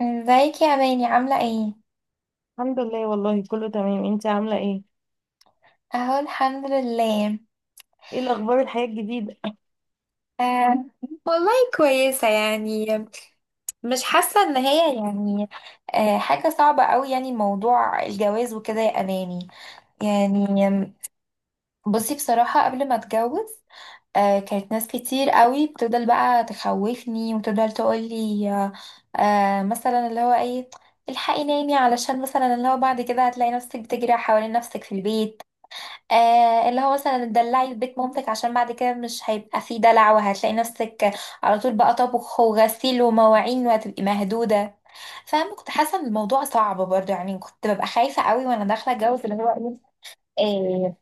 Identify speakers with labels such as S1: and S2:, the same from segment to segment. S1: ازيك يا ماني؟ عاملة ايه؟
S2: الحمد لله، والله كله تمام. انت عاملة ايه؟
S1: اهو الحمد لله.
S2: ايه الأخبار؟ الحياة الجديدة؟
S1: آه والله، كويسة يعني. مش حاسة ان هي، يعني، حاجة صعبة قوي يعني، موضوع الجواز وكده يا اماني، يعني. بصي، بصراحة قبل ما اتجوز كانت ناس كتير قوي بتفضل بقى تخوفني وتفضل تقولي مثلا، اللي هو ايه، الحقي نامي، علشان مثلا اللي هو بعد كده هتلاقي نفسك بتجري حوالين نفسك في البيت. اللي هو مثلا تدلعي في بيت مامتك، عشان بعد كده مش هيبقى فيه دلع، وهتلاقي نفسك على طول بقى طبخ وغسيل ومواعين، وهتبقي مهدودة، فاهمة؟ كنت حاسة ان الموضوع صعب برضه يعني، كنت ببقى خايفة قوي وانا داخلة اتجوز، اللي هو ايه، إيه،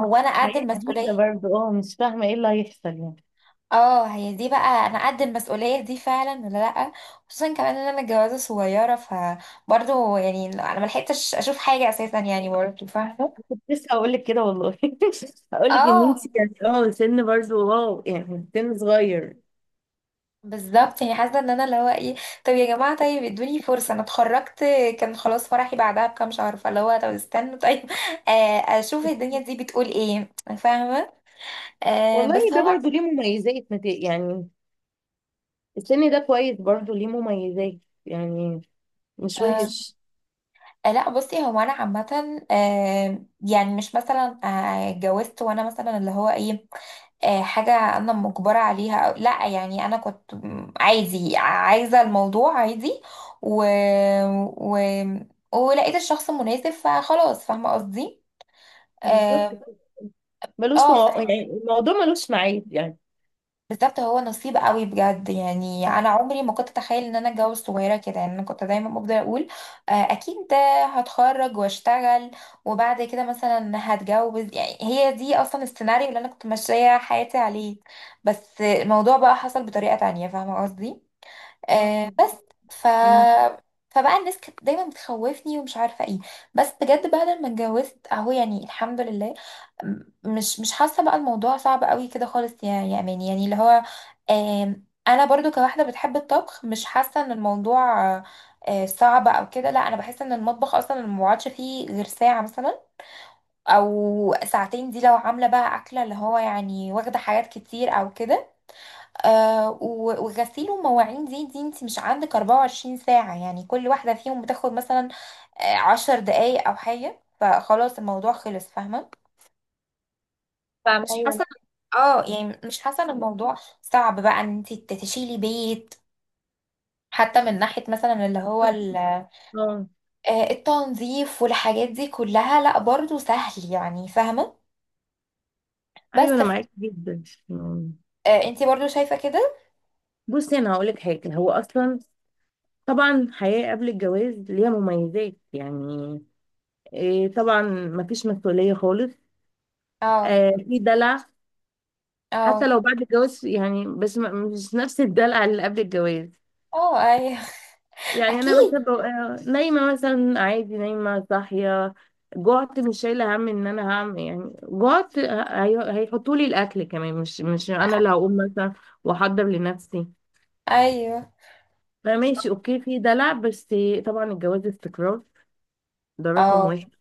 S1: هو انا قد
S2: حياة جديدة
S1: المسؤولية؟
S2: برضه. اه مش فاهمة ايه اللي هيحصل يعني.
S1: اه، هي دي بقى، انا قد المسؤولية دي فعلا ولا لأ؟ خصوصا كمان ان انا متجوزة صغيرة، فبرضه يعني انا ملحقتش اشوف حاجة اساسا، يعني برضه، فاهمة.
S2: كنت لسه هقولك كده والله. هقولك ان
S1: اه،
S2: انت كانت سن برضه واو، يعني سن صغير.
S1: بالظبط يعني، حاسه ان انا، اللي هو ايه، طب يا جماعه طيب ادوني فرصه، انا اتخرجت كان خلاص فرحي بعدها بكام شهر، فاللي هو طب استنوا طيب اشوف الدنيا دي بتقول ايه، فاهمه.
S2: والله
S1: بس
S2: ده
S1: هو
S2: برضه ليه مميزات، يعني السن ده كويس، برضه ليه مميزات يعني، مش
S1: آه،
S2: وحش.
S1: لا، بصي، هو انا عامه يعني مش مثلا اتجوزت وانا مثلا اللي هو ايه، حاجه انا مجبره عليها أو لا، يعني انا كنت عادي، عايزه الموضوع عادي، و... و... ولقيت الشخص المناسب، فخلاص فاهمه قصدي.
S2: بالظبط
S1: اه،
S2: كده. ملوش
S1: فاهمة
S2: يعني الموضوع ملوش ميعاد يعني.
S1: بالظبط. هو نصيب قوي بجد، يعني انا
S2: صح.
S1: عمري ما كنت اتخيل ان انا اتجوز صغيره كده، يعني انا كنت دايما بفضل اقول اكيد ده هتخرج واشتغل وبعد كده مثلا هتجوز، يعني هي دي اصلا السيناريو اللي انا كنت ماشيه حياتي عليه، بس الموضوع بقى حصل بطريقه تانية، فاهمه قصدي.
S2: اه،
S1: بس ف فبقى الناس كانت دايما بتخوفني ومش عارفه ايه، بس بجد بعد ما اتجوزت اهو، يعني الحمد لله، مش حاسه بقى الموضوع صعب قوي كده خالص، يا امان، يعني اللي هو انا برضو كواحده بتحب الطبخ، مش حاسه ان الموضوع صعب او كده، لا، انا بحس ان المطبخ اصلا ما بقعدش فيه غير ساعه مثلا، او ساعتين، دي لو عامله بقى اكله اللي هو يعني واخده حاجات كتير او كده. وغسيل ومواعين، دي انت مش عندك 24 ساعة، يعني كل واحدة فيهم بتاخد مثلا عشر دقايق او حاجة، فخلاص الموضوع خلص، فاهمة. فمش
S2: ايوه.
S1: حاسة، اه يعني مش حاسة ان الموضوع صعب بقى، ان انت تشيلي بيت، حتى من ناحية مثلا اللي هو
S2: اه
S1: التنظيف والحاجات دي كلها، لا برضو سهل يعني، فاهمة. بس
S2: ايوه، انا
S1: ف-
S2: معاك جدا.
S1: انت برضو شايفة كده.
S2: بصي انا هقول لك حاجه. هو اصلا طبعا الحياه قبل الجواز ليها مميزات، يعني إيه؟ طبعا مفيش مسؤوليه خالص.
S1: اه،
S2: آه، في دلع. حتى
S1: اه،
S2: لو بعد الجواز، يعني بس مش نفس الدلع اللي قبل الجواز.
S1: اه، ايوه
S2: يعني انا مثلا
S1: اكيد.
S2: ببقى نايمه مثلا عادي، نايمه صاحيه. جعت مش شايله هم ان انا هعمل يعني جعت. هيحطوا لي الاكل كمان، مش انا اللي هقوم مثلا واحضر لنفسي.
S1: ايوه.
S2: فماشي، اوكي، في دلع. بس طبعا الجواز استقرار. ده رقم
S1: اه.
S2: واحد.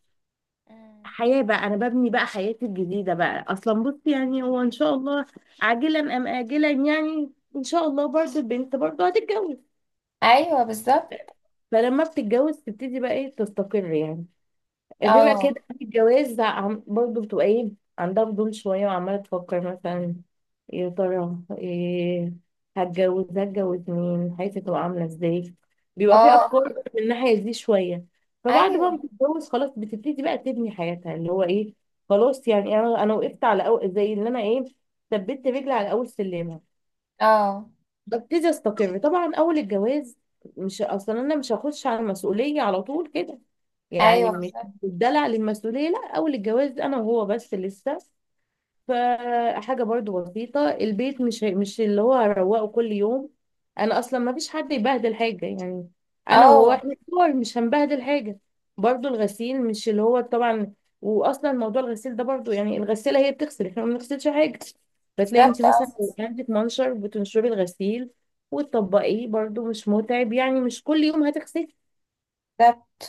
S2: حياة بقى، أنا ببني بقى حياتي الجديدة بقى. أصلا بصي يعني هو إن شاء الله عاجلا أم آجلا يعني، إن شاء الله برضه البنت برضه هتتجوز.
S1: ايوه بالظبط.
S2: فلما بتتجوز تبتدي بقى إيه، تستقر يعني. غير اكيد
S1: اه.
S2: قبل الجواز، لا، برضه بتبقى ايه، عندها فضول شويه، وعماله تفكر مثلا يا ترى إيه، هتجوز، هتجوز مين، حياتي تبقى عامله ازاي. بيبقى في
S1: اه.
S2: افكار من الناحيه دي شويه. فبعد بقى ما
S1: ايوه.
S2: بتتجوز خلاص بتبتدي بقى تبني حياتها، اللي هو ايه، خلاص، يعني انا وقفت على، أو زي اللي انا ايه، ثبت رجلي على اول سلم.
S1: اه.
S2: ببتدي استقر طبعا اول الجواز. مش اصلا انا مش هخش على المسؤوليه على طول كده، يعني
S1: ايوه
S2: مش
S1: بالظبط.
S2: بدلع للمسؤوليه. لا، اول الجواز انا وهو بس لسه، فحاجة برضو بسيطة. البيت مش اللي هو هروقه كل يوم. انا اصلا ما فيش حد يبهدل حاجة، يعني انا وهو
S1: اه
S2: احنا كبار، مش هنبهدل حاجة. برضو الغسيل، مش اللي هو طبعا، واصلا موضوع الغسيل ده برضو يعني، الغسالة هي بتغسل، احنا ما بنغسلش حاجة. فتلاقي انت
S1: بالظبط. اه
S2: مثلا لو عندك منشر، بتنشري الغسيل وتطبقيه، برضو مش متعب، يعني مش كل يوم هتغسلي.
S1: بالظبط.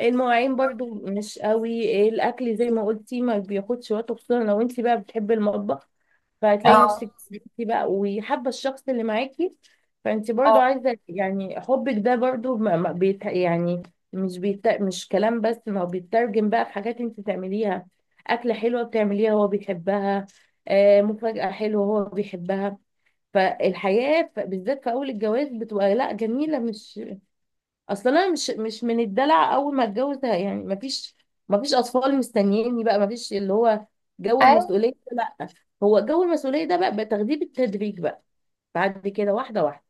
S2: المواعين برضو مش قوي إيه، الاكل زي ما قلتي ما بياخدش وقت، خصوصا لو انت بقى بتحبي المطبخ. فهتلاقي
S1: اه.
S2: نفسك انتي بقى، وحابه الشخص اللي معاكي، فانت برضو
S1: اه.
S2: عايزه، يعني حبك ده برضو ما بيت يعني، مش بيت مش كلام بس، ما هو بيترجم بقى في حاجات انت تعمليها. اكله حلوه بتعمليها هو بيحبها، مفاجاه حلوه هو بيحبها. فالحياه بالذات في اول الجواز بتبقى لا جميله. مش اصل انا مش من الدلع اول ما اتجوز ده، يعني ما فيش، ما فيش اطفال مستنييني بقى، ما فيش اللي هو جو
S1: ايوه،
S2: المسؤوليه ده، لا. هو جو المسؤوليه ده بقى بتاخديه بالتدريج بقى، بعد كده واحده واحده،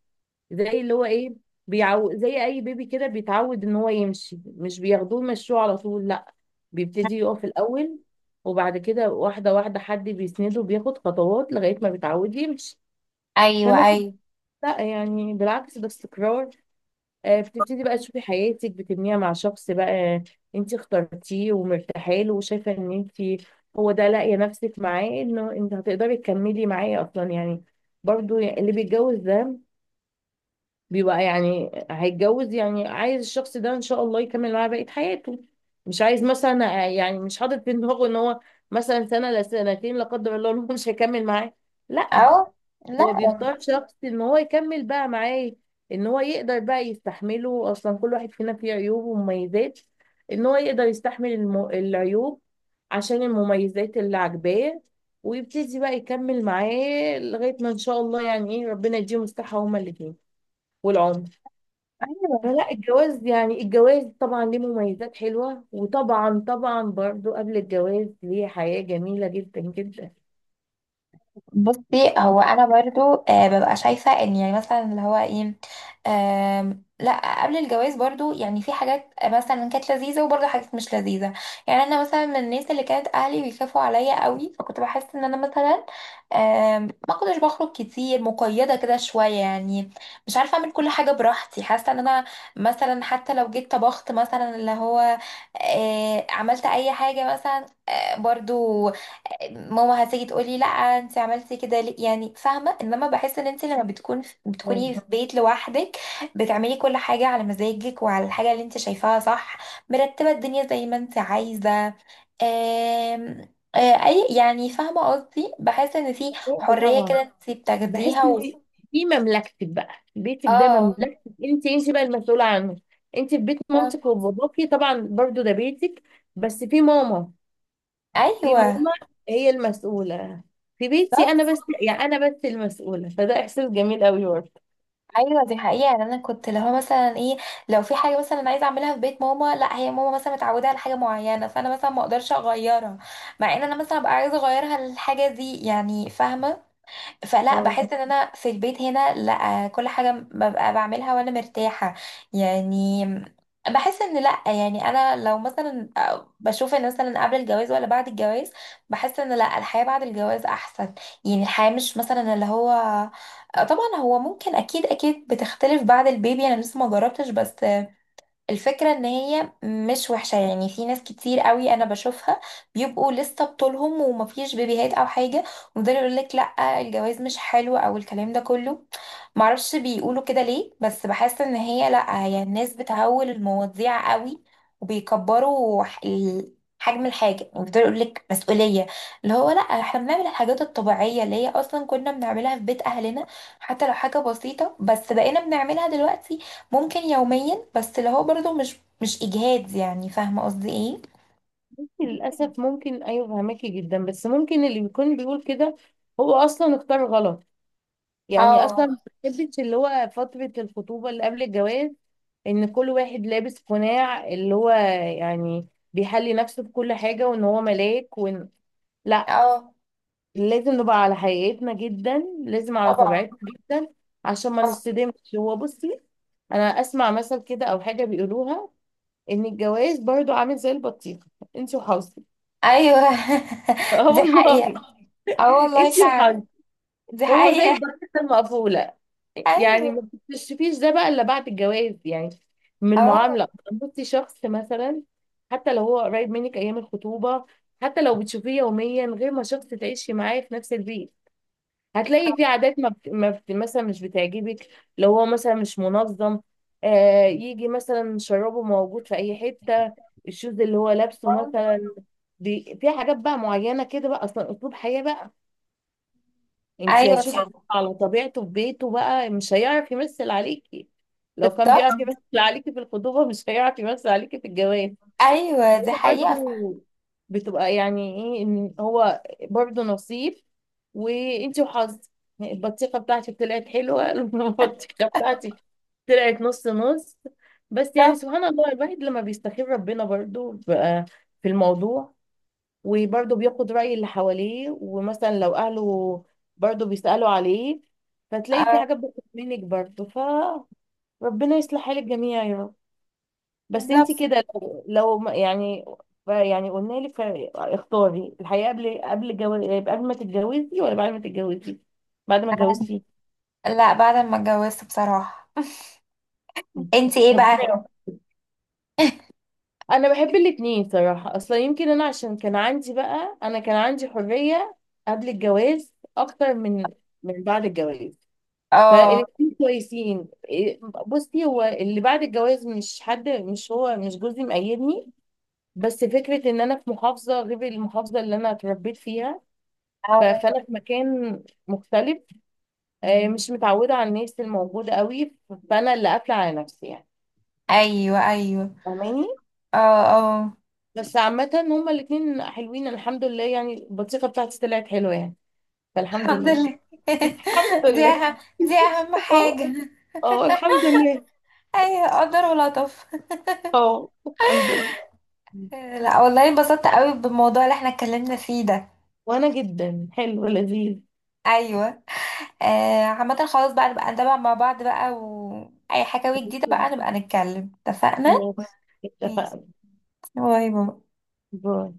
S2: زي اللي هو ايه، بيعو زي اي بيبي كده بيتعود ان هو يمشي، مش بياخدوه يمشوه على طول، لا، بيبتدي يقف الاول، وبعد كده واحده واحده حد بيسنده، بياخد خطوات لغايه ما بيتعود يمشي.
S1: ايوه،
S2: فانا
S1: ايوه.
S2: لا، يعني بالعكس، ده استقرار. بتبتدي بقى تشوفي حياتك بتبنيها مع شخص بقى انت اخترتيه، ومرتاحه له، وشايفه ان انت، هو ده، لاقيه نفسك معاه انه انت هتقدري تكملي معاه اصلا يعني. برضو يعني اللي بيتجوز ده بيبقى، يعني هيتجوز يعني عايز الشخص ده ان شاء الله يكمل معاه بقيه حياته. مش عايز مثلا يعني مش حاطط في دماغه ان هو مثلا سنه لسنتين، لا قدر الله، إن هو مش هيكمل معاه. لا،
S1: اه لا.
S2: هو بيختار شخص ان هو يكمل بقى معاه، ان هو يقدر بقى يستحمله. اصلا كل واحد فينا فيه عيوب ومميزات، ان هو يقدر يستحمل العيوب عشان المميزات اللي عاجباه، ويبتدي بقى يكمل معاه لغاية ما ان شاء الله يعني ايه، ربنا يديهم الصحة هما الاتنين والعمر.
S1: ايوه،
S2: فلا، الجواز يعني، الجواز طبعا ليه مميزات حلوة، وطبعا طبعا برضو قبل الجواز ليه حياة جميلة جدا جدا.
S1: بصي، هو انا برضو آه ببقى شايفه ان، يعني مثلا اللي هو ايه، لا قبل الجواز برضو يعني في حاجات مثلا كانت لذيذه، وبرضو حاجات مش لذيذه، يعني انا مثلا من الناس اللي كانت اهلي بيخافوا عليا قوي، فكنت بحس ان انا مثلا ما كنتش بخرج كتير، مقيده كده شويه يعني، مش عارفه اعمل كل حاجه براحتي، حاسه ان انا مثلا حتى لو جيت طبخت مثلا اللي هو عملت اي حاجه مثلا برضو ماما هتيجي تقولي لا انت عملتي كده ليه، يعني فاهمه. انما بحس ان انت لما بتكون بتكوني
S2: أوه.
S1: في بيت لوحدك، بتعملي كل حاجه على مزاجك، وعلى الحاجه اللي انت شايفاها صح، مرتبه الدنيا زي ما انت عايزه، آم، آه، اي يعني فاهمه قصدي، بحس ان في حريه
S2: طبعا
S1: كده انت
S2: بحس
S1: بتاخديها
S2: ان في مملكتك بقى، بيتك ده
S1: اه.
S2: مملكتك، انت بقى المسؤوله عنه. انت في بيت مامتك وباباكي طبعا برضو ده بيتك، بس في ماما، في
S1: ايوه،
S2: ماما هي المسؤوله. في بيتي انا بس، يعني انا بس المسؤوله، فده احساس جميل قوي برضه.
S1: ايوه، دي حقيقه. يعني انا كنت اللي هو مثلا ايه، لو في حاجه مثلا انا عايزه اعملها في بيت ماما، لا هي ماما مثلا متعوده على حاجه معينه، فانا مثلا ما اقدرش اغيرها، مع ان انا مثلا ابقى عايزه اغيرها الحاجه دي، يعني فاهمه. فلا
S2: اه،
S1: بحس ان انا في البيت هنا لا، كل حاجة ببقى بعملها وانا مرتاحة، يعني. بحس ان لا، يعني انا لو مثلا بشوف ان مثلا قبل الجواز ولا بعد الجواز، بحس ان لا الحياة بعد الجواز احسن، يعني الحياة مش مثلا اللي هو طبعا هو ممكن اكيد، اكيد بتختلف بعد البيبي، انا لسه ما جربتش، بس الفكرة ان هي مش وحشة يعني، في ناس كتير قوي انا بشوفها بيبقوا لسه بطولهم ومفيش بيبيهات او حاجة، ويفضلوا يقول لك لا الجواز مش حلو، او الكلام ده كله، معرفش بيقولوا كده ليه، بس بحس ان هي لا، هي الناس بتهول المواضيع قوي، وبيكبروا حجم الحاجة، يعني بيفضلوا يقول لك مسؤولية، اللي هو لا، احنا بنعمل الحاجات الطبيعية اللي هي اصلا كنا بنعملها في بيت اهلنا، حتى لو حاجة بسيطة، بس بقينا بنعملها دلوقتي، ممكن يوميا، بس اللي هو برضو مش اجهاد، يعني فاهمه قصدي ايه. ممكن.
S2: للاسف ممكن، ايوه فهماكي جدا، بس ممكن اللي بيكون بيقول كده هو اصلا اختار غلط. يعني
S1: اه.
S2: اصلا ما بحبش اللي هو فتره الخطوبه اللي قبل الجواز، ان كل واحد لابس قناع، اللي هو يعني بيحلي نفسه بكل حاجة، وان هو ملاك، وان، لا،
S1: اه
S2: لازم نبقى على حقيقتنا جدا، لازم على
S1: طبعا.
S2: طبيعتنا جدا عشان ما
S1: آه.
S2: نصدمش. هو بصي، انا اسمع مثل كده او حاجة بيقولوها، ان الجواز برضو عامل زي البطيخة، انت وحظك.
S1: ايوه
S2: اه
S1: دي
S2: والله،
S1: حقيقه. اه والله
S2: انت وحظك.
S1: فعلا دي
S2: هو زي
S1: حقيقه.
S2: البطيخة المقفولة، يعني
S1: ايوه.
S2: ما بتكتشفيش ده بقى الا بعد الجواز، يعني من
S1: اه.
S2: المعامله. بصي شخص مثلا حتى لو هو قريب منك ايام الخطوبه، حتى لو بتشوفيه يوميا، غير ما شخص تعيشي معاه في نفس البيت. هتلاقي في عادات ما، مثلا مش بتعجبك. لو هو مثلا مش منظم، يجي مثلا شرابه موجود في اي حته، الشوز اللي هو لابسه
S1: آه.
S2: مثلا، في حاجات بقى معينه كده بقى، اصلا اسلوب حياه بقى انت
S1: ايوه
S2: هتشوفي.
S1: صح.
S2: على طبيعته في بيته بقى، مش هيعرف يمثل عليكي. لو كان
S1: بالظبط.
S2: بيعرف يمثل عليكي في الخطوبة مش هيعرف يمثل عليكي في الجواز.
S1: ايوه
S2: هو
S1: دي حقيقه فعلا.
S2: برضو بتبقى، يعني ايه، ان هو برضو نصيب، وانت وحظ. البطيخة بتاعتك طلعت حلوة. البطيخة بتاعتك طلعت نص نص. بس يعني
S1: بالظبط.
S2: سبحان الله، الواحد لما بيستخير ربنا برضو بقى في الموضوع، وبرضه بياخد رأي اللي حواليه، ومثلا لو أهله برضه بيسألوا عليه، فتلاقي في
S1: آه،
S2: حاجات بتطلع منك برضه. فربنا يصلح حال الجميع يا رب. بس انت
S1: بالظبط.
S2: كده، لو يعني، يعني قلنا لك، اختاري الحياة قبل قبل ما تتجوزي، ولا بعد ما تتجوزي، بعد ما اتجوزتي؟
S1: لا بعد ما اتجوزت بصراحه انت ايه
S2: ربنا
S1: بقى؟
S2: يوفقك. انا بحب الاتنين صراحة. اصلا يمكن انا عشان كان عندي بقى، انا كان عندي حرية قبل الجواز اكتر من، من بعد الجواز.
S1: اه.
S2: فالاتنين كويسين إيه، بصي هو اللي بعد الجواز، مش حد، مش هو مش جوزي مقيدني، بس فكرة ان انا في محافظة غير المحافظة اللي انا اتربيت فيها،
S1: آه.
S2: فانا في مكان مختلف، مش متعودة على الناس الموجودة قوي، فانا اللي قافلة على نفسي يعني.
S1: ايوه، ايوه.
S2: فاهماني؟
S1: اه. اه
S2: بس عامة هما الاتنين حلوين الحمد لله، يعني البطيخة بتاعتي طلعت حلوة يعني، فالحمد
S1: الحمد
S2: لله.
S1: لله.
S2: الحمد
S1: دي
S2: لله.
S1: أهم، دي أهم
S2: اه.
S1: حاجة.
S2: اه الحمد لله.
S1: أيوة قدر ولطف.
S2: اه الحمد لله.
S1: لا والله انبسطت قوي بالموضوع اللي احنا اتكلمنا فيه ده.
S2: وانا جدا، حلو، لذيذ.
S1: أيوة. آه، عامة خلاص بقى، نبقى نتابع مع بعض بقى، وأي حكاوي جديدة بقى نبقى نتكلم، اتفقنا؟
S2: ماشي،
S1: ماشي.
S2: اتفقنا.
S1: باي باي.
S2: باي.